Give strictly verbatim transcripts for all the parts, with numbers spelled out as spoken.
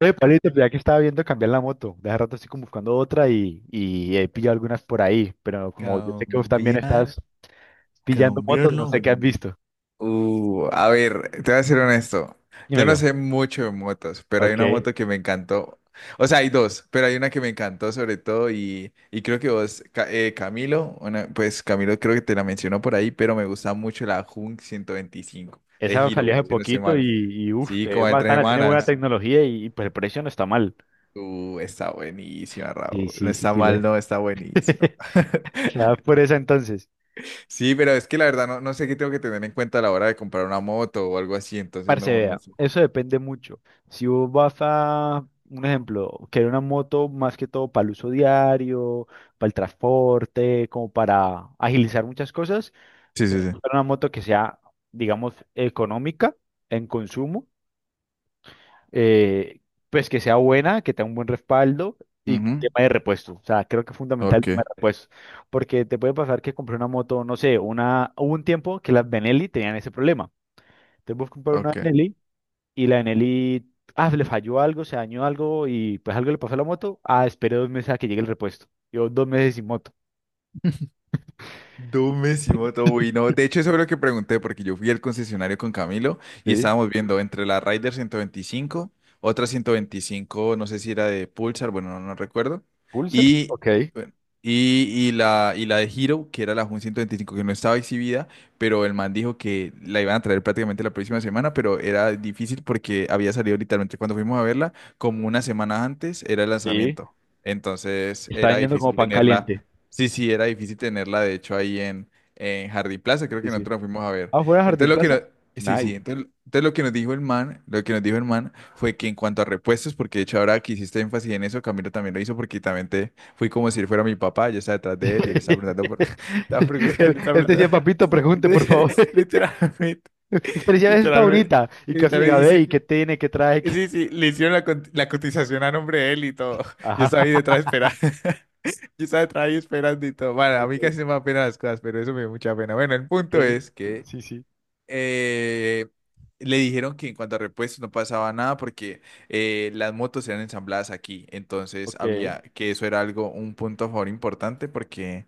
Oye, Pablito, pues, ya que estaba viendo cambiar la moto, de hace rato estoy como buscando otra y, y he pillado algunas por ahí, pero como yo sé que vos también Cambiar, estás pillando motos, no cambiarlo. sé qué has mm, visto. Uh, a ver, te voy a ser honesto. Yo no Dímelo. sé mucho de motos, pero hay Ok. una moto que me encantó. O sea, hay dos, pero hay una que me encantó sobre todo y, y creo que vos, Ca- eh, Camilo, una- pues Camilo creo que te la mencionó por ahí, pero me gusta mucho la Hunk ciento veinticinco de Esa salió Hero, hace si no estoy poquito y, mal. y uff, Sí, es como de tres bacana, tiene buena semanas. tecnología y, y, pues el precio no está mal. Uh, está buenísima, Sí, Raúl. No sí, sí, está sí, mal, le. no, está buenísima. ¿La das por esa entonces? Sí, pero es que la verdad no, no sé qué tengo que tener en cuenta a la hora de comprar una moto o algo así, entonces Parce, no, no vea, sé. eso depende mucho. Si vos vas a, un ejemplo, querer una moto más que todo para el uso diario, para el transporte, como para agilizar muchas cosas, Sí, sí, tenés que sí. buscar una moto que sea, digamos, económica en consumo, eh, pues que sea buena, que tenga un buen respaldo y Ujú. tema de repuesto. O sea, creo que es fundamental el Ok, tema de repuesto, porque te puede pasar que compré una moto, no sé, una, hubo un tiempo que las Benelli tenían ese problema. Entonces vos comprar una ok. Benelli y la Eneli, ah, le falló algo, se dañó algo y pues algo le pasó a la moto. Ah, esperé dos meses a que llegue el repuesto. Yo dos meses sin moto. Dumísimo, todo no. De hecho, eso es lo que pregunté, porque yo fui al concesionario con Camilo y Sí. estábamos viendo entre la Rider ciento veinticinco, otra ciento veinticinco, no sé si era de Pulsar, bueno, no, no recuerdo, Pulsar. y, Ok. bueno, y, y la, y la de Hero, que era la Jun ciento veinticinco que no estaba exhibida, pero el man dijo que la iban a traer prácticamente la próxima semana, pero era difícil porque había salido literalmente cuando fuimos a verla, como una semana antes era el Sí, lanzamiento. Entonces está era vendiendo difícil como pan tenerla. caliente. Sí, sí, era difícil tenerla, de hecho, ahí en, en Jardín Plaza, creo Sí, que sí. nosotros nos fuimos a ver. ¿Ah fuera Entonces Jardín lo que nos, Plaza? sí, sí, Nice. entonces, entonces lo que nos dijo el man, lo que nos dijo el man fue que en cuanto a repuestos, porque de hecho ahora que hiciste énfasis en eso, Camilo también lo hizo porque también te fui como si él fuera mi papá, yo estaba detrás de él y él estaba preguntando por, estaba pregun- Él, él estaba él decía, preguntando, papito, pregunte, por favor. literalmente, Usted decía, "Esa está literalmente, bonita. Y casi literalmente llegaba, ve, ¿y hice, qué tiene? ¿Qué trae? ¿Qué-". sí, sí, le hicieron la, cot- la cotización a nombre de él y todo. Yo Ajá. estaba ahí detrás, yo estaba ahí esperando y todo. Bueno, a Ok, mí casi no me da pena las cosas, pero eso me dio mucha pena. Bueno, el punto ok. es que Sí, sí. eh, le dijeron que en cuanto a repuestos no pasaba nada porque eh, las motos eran ensambladas aquí. Entonces Ok. había que eso era algo, un punto a favor importante porque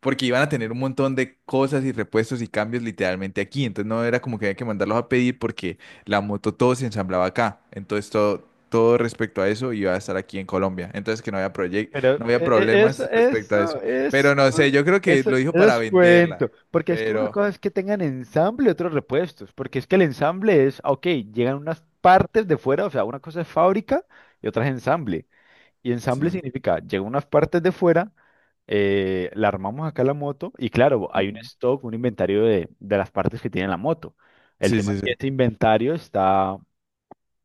porque iban a tener un montón de cosas y repuestos y cambios literalmente aquí. Entonces no era como que había que mandarlos a pedir porque la moto todo se ensamblaba acá. Entonces todo, todo respecto a eso iba a estar aquí en Colombia. Entonces que no había proye- Pero eh, no había eh, eso, sí. problemas respecto a eso. eso, Pero eso, no sé, yo creo que eso, eso lo dijo para es venderla. cuento. Porque es que una Pero cosa es que tengan ensamble y otros repuestos. Porque es que el ensamble es, ah, ok, llegan unas partes de fuera, o sea, una cosa es fábrica y otra es ensamble. Y sí. ensamble significa, llegan unas partes de fuera, eh, la armamos acá la moto y claro, hay un Ujú. stock, un inventario de, de las partes que tiene la moto. El Sí, tema sí, es sí. que este inventario está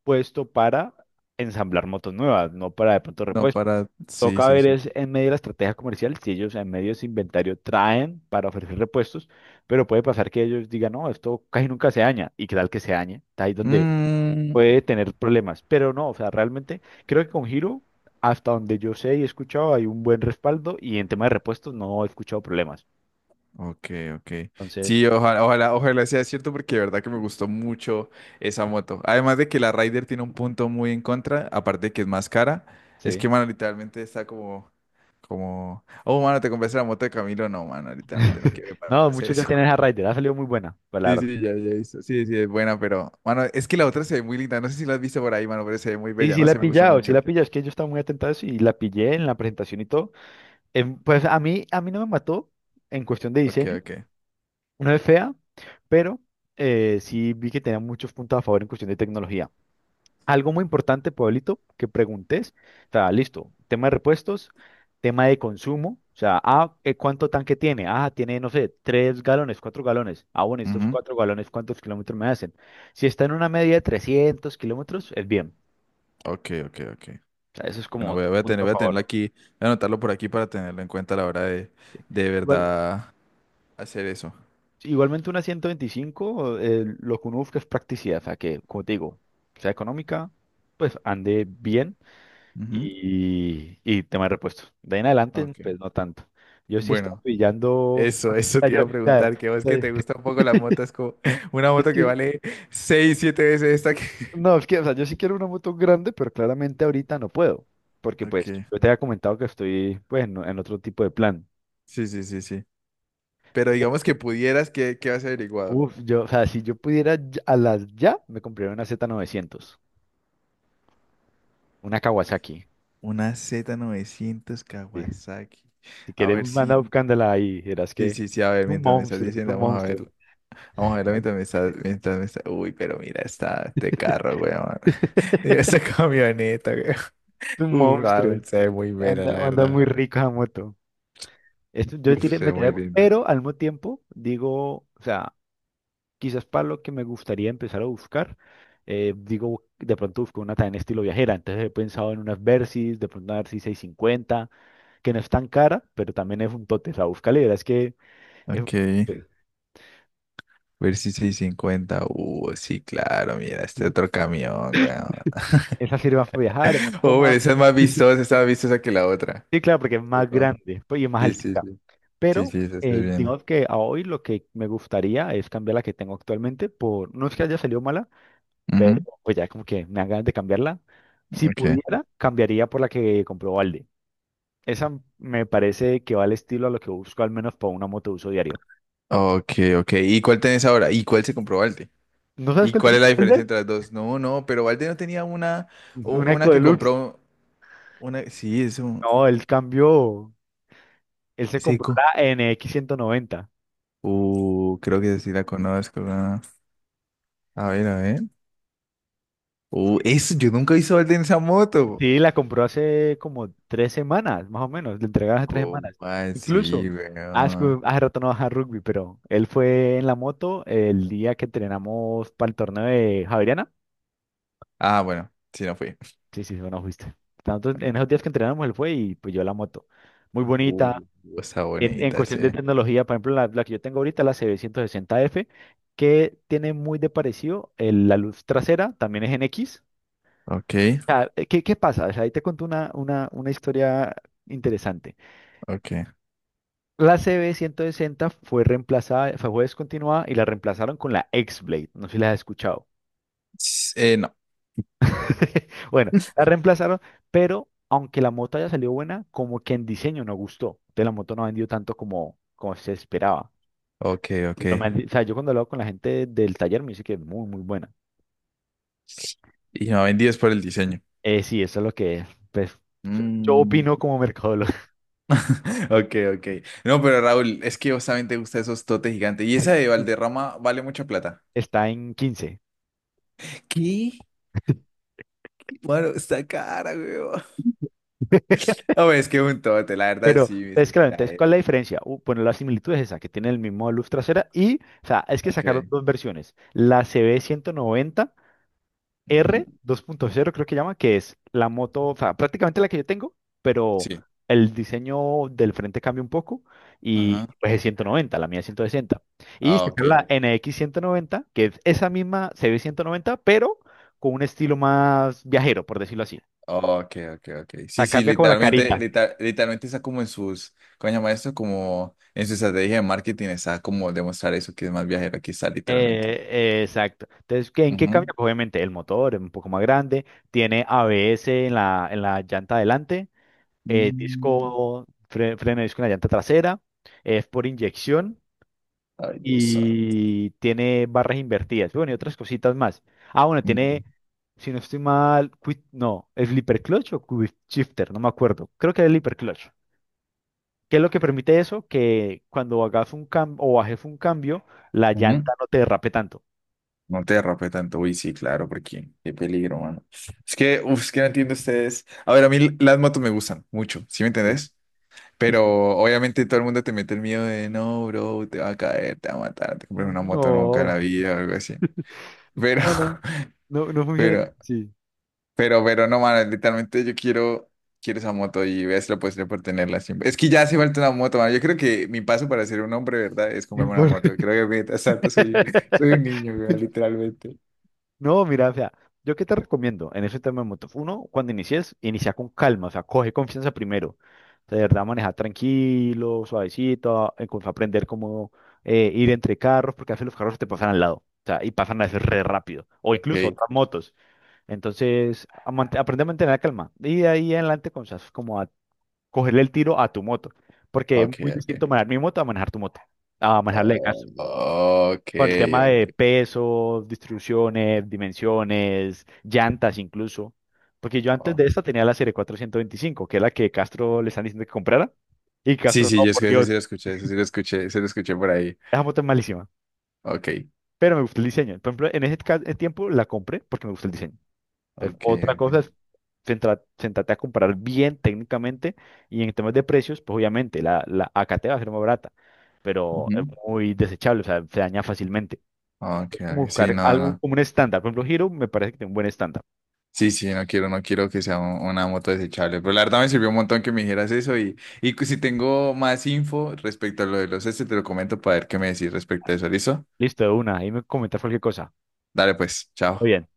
puesto para ensamblar motos nuevas, no para de pronto No, repuestos. para. Sí, Toca sí, ver sí. es en medio de la estrategia comercial si ellos en medio de ese inventario traen para ofrecer repuestos, pero puede pasar que ellos digan, no, esto casi nunca se daña, y que tal que se dañe, está ahí donde Mm, puede tener problemas, pero no, o sea, realmente creo que con Hero, hasta donde yo sé y he escuchado, hay un buen respaldo y en tema de repuestos no he escuchado problemas. ok, ok. Entonces, Sí, ojalá, ojalá, ojalá sea cierto porque de verdad que me gustó mucho esa moto. Además de que la Rider tiene un punto muy en contra, aparte de que es más cara, es sí. que, mano, literalmente está como, como, oh, mano, te compraste la moto de Camilo. No, mano, literalmente no quiero que No, pase muchos ya eso. tienen esa Rider, ha salido muy buena, pues la Sí, verdad. sí, ya, ya he visto. Sí, sí, es buena, pero, mano, es que la otra se ve muy linda. No sé si la has visto por ahí, mano, pero se ve muy Sí, bella. sí No la he sé, me Vale, gusta pillado, sí vale. mucho. La he pillado, es que yo estaba muy atento a eso y la pillé en la presentación y todo. Em, pues a mí, a mí no me mató en cuestión de Ok, diseño, ok. no es fea, pero eh, sí vi que tenía muchos puntos a favor en cuestión de tecnología. Algo muy importante, Pueblito, que preguntes, o sea, listo, tema de repuestos, tema de consumo, o sea, ah, eh, ¿cuánto tanque tiene? Ah, tiene, no sé, tres galones, cuatro galones. Ah, bueno, estos Ujú. cuatro galones, ¿cuántos kilómetros me hacen? Si está en una media de trescientos kilómetros, es bien. Ok, ok, ok. O sea, eso es como Bueno, voy a, otro voy a punto tener, a voy a tenerlo favor. aquí, voy a anotarlo por aquí para tenerlo en cuenta a la hora de, Sí. de Igual- verdad hacer eso. Igualmente una ciento veinticinco, eh, lo que uno busca es practicidad, o sea, que, como te digo, sea económica, pues ande bien Ujú. y, y tema de repuestos. De ahí en adelante, Ok, pues no tanto. Yo sí he estado bueno, pillando... eso, eso o te iba yo- a preguntar, que vos o que eh, te gusta un poco la moto, es como una es moto que que- vale seis, siete veces esta que... no, es que, o sea, yo sí quiero una moto grande, pero claramente ahorita no puedo, porque pues Ok, yo te había comentado que estoy, pues, en, en otro tipo de plan. sí, sí, sí, sí. Pero digamos que pudieras, ¿qué, qué has averiguado? Uf, yo, o sea, si yo pudiera ya- a las ya, me compraría una Z novecientos, una Kawasaki. Una Z novecientos Sí. Kawasaki. Si A quieres, ver manda si... buscándola ahí. Verás Sí, que sí, sí, a ver, un mientras me estás monstruo, es diciendo, un vamos a ver. monstruo. Vamos a ver la mitad de mis sal- mitad de mis sal- Uy, pero mira esta, este carro, weón. Mira Es esa camioneta, weón. un Uf, ah, güey, monstruo. se ve muy vera, Anda, la anda muy verdad. rico esa moto. Esto, yo Uf, tiré, uf, se ve me tiré, muy bueno. linda. Pero al mismo tiempo digo, o sea, quizás para lo que me gustaría empezar a buscar, eh, digo, de pronto busco una también estilo viajera. Entonces he pensado en unas Versys, de pronto una Versys seiscientos cincuenta, que no es tan cara, pero también es un tote. O sea, búscale, verás que es un Ok, tote. ver si seiscientos cincuenta. Uh, sí, claro, mira, este otro camión, weón. Esa sirve más para viajar, es más Oh, pero cómoda. esa es más vistosa, esa es más vistosa que la otra. Sí, claro, porque es Sí, más como... grande, pues, y es más Sí, sí, alta. sí. Sí, Pero sí, esa estoy eh, viendo. digamos que a hoy lo que me gustaría es cambiar la que tengo actualmente por, no es que haya salido mala, pero Ujú. pues ya como que me dan ganas de cambiarla. Si Ok, pudiera, cambiaría por la que compró Valde. Esa me parece que va al estilo a lo que busco al menos para una moto de uso diario. ok, ok. ¿Y cuál tenés ahora? ¿Y cuál se comprobó? ¿No sabes ¿Y cuál te cuál es compró la diferencia Valde? entre las dos? No, no, pero Valde no tenía una, u- Una una Eco que Deluxe. compró, una, sí, es un No, él cambió, él se compró seco. la N X ciento noventa. Uh, creo que sí la conozco. Ah, a ver, a ver. Uh, eso, yo nunca hice Valde en esa moto. Sí, la compró hace como tres semanas, más o menos. Le entregaron hace tres ¿Cómo semanas. Incluso, así, hace, weón? hace rato no baja rugby, pero él fue en la moto el día que entrenamos para el torneo de Javeriana. Ah, bueno, sí, no fui. Sí, sí, bueno, fuiste. Tanto- en Ok. esos días que entrenamos, él fue y pues yo la moto. Muy Uh, bonita. Está En, en bonita, sí. cuestión de tecnología, por ejemplo, la, la que yo tengo ahorita, la C B ciento sesenta F, que tiene muy de parecido el- la luz trasera, también es en X. Ok, Eh, ¿Qué, qué pasa? O sea, ahí te conté una, una, una historia interesante. ok. La C B ciento sesenta fue reemplazada, fue fue descontinuada y la reemplazaron con la X-Blade. No sé si la has escuchado. S- Eh, no. Bueno, la reemplazaron, pero aunque la moto haya salido buena, como que en diseño no gustó. Entonces la moto no ha vendido tanto como, como se esperaba. Ok, ok. Pero me han di- o sea, yo cuando hablo con la gente del taller me dice que es muy, muy buena. Y me vendí es por el diseño. Eh, sí, eso es lo que, pues, yo Mm. opino como mercadólogo. Ok, ok. No, pero Raúl, es que vos también te gustan esos totes gigantes. Y esa de Valderrama vale mucha plata. Está en quince. ¿Qué? Bueno, está cara, weón. No, es que es un tote, la verdad, Pero, sí. es- es claro, Mira, entonces, eh. ¿cuál es la diferencia? Uh, bueno, la similitud es esa, que tiene el mismo luz trasera y, o sea, es que sacaron Ok. dos versiones. La Ujú. C B ciento noventa R dos punto cero, creo que llama, que es la moto, o sea, prácticamente la que yo tengo, pero Sí. el diseño del frente cambia un poco y Ajá. pues es ciento noventa, la mía es ciento sesenta. Y Ah, ok. sacaron la N X ciento noventa, que es esa misma C B ciento noventa, pero con un estilo más viajero, por decirlo así. Ok, ok, ok. Sí, sí, Cambia como la literalmente, carita. lita- literalmente está como en sus, ¿cómo se llama esto? Como en su estrategia de marketing está como demostrar eso que es más viajero, aquí está literalmente. Eh, eh, exacto. Entonces, ¿qué- ¿en qué cambia? Ujú. Pues, obviamente el motor es un poco más grande, tiene A B S en la, en la llanta delante, eh, Mm, disco, fre- freno de disco en la llanta trasera, es por inyección ay, Dios santo. y tiene barras invertidas. Bueno, y otras cositas más. Ah, bueno, tiene, si no estoy mal, quick- no, ¿es flipper clutch o quick shifter? No me acuerdo. Creo que es flipper clutch. ¿Qué es lo que permite eso? Que cuando hagas un cambio o bajes un cambio, la Ujú. llanta no te derrape tanto. No te derrape tanto, uy, sí, claro, porque qué peligro, mano. Es que, uf, es que no entiendo ustedes. A ver, a mí las motos me gustan mucho, ¿sí me entendés? Sí. Pero obviamente todo el mundo te mete el miedo de, no, bro, te va a caer, te va a matar, te compras una moto nunca en la No, vida o algo así. Pero, no, no, no, no funciona tan pero, así. pero, pero no, mano, literalmente yo quiero, quiero esa moto y ves lo posible por tenerla siempre. Es que ya hace falta una moto, mano. Yo creo que mi paso para ser un hombre, ¿verdad? Es comprarme una moto. Porque- Creo que mientras tanto soy, soy un niño, weón, literalmente. No, mira, o sea, yo qué te recomiendo en ese tema de motos. Uno, cuando inicies, inicia con calma, o sea, coge confianza primero. O sea, de verdad, manejar tranquilo, suavecito, eh, con- aprender cómo eh, ir entre carros, porque a veces los carros te pasan al lado, o sea, y pasan a veces re rápido, o Ok, incluso otras motos. Entonces, a mant- aprende a mantener la calma. Y de ahí en adelante, con como cogerle el tiro a tu moto, porque es ok, muy ok. distinto manejar mi moto a manejar tu moto, a manejarle de Oh, caso. ok, Por el tema de ok. peso, distribuciones, dimensiones, llantas incluso. Porque yo antes Oh. de esta tenía la serie cuatrocientos veinticinco, que es la que Castro le están diciendo que comprara. Y Sí, Castro, sí, no, yo es por que eso sí Dios, lo escuché, eso sí lo escuché, se lo escuché por ahí. esa moto es malísima. Ok, Pero me gustó el diseño. Por ejemplo, en ese ca- tiempo la compré porque me gustó el diseño. Es- ok, Otra cosa ok. es centra- centrarte a comprar bien técnicamente y en temas de precios, pues obviamente la, la acate va a ser más barata, pero Ujú. es muy desechable, o sea, se daña fácilmente. Ok, Como ok, sí, buscar no, algo no. como un estándar, por ejemplo, Hero me parece que tiene un buen estándar. Sí, sí, no quiero, no quiero que sea un- una moto desechable. Pero la verdad me sirvió un montón que me dijeras eso y, y cu- si tengo más info respecto a lo de los este, te lo comento para ver qué me decís respecto a eso, ¿listo? Listo, de una, ahí me comentas cualquier cosa. Dale pues, Todo chao. bien.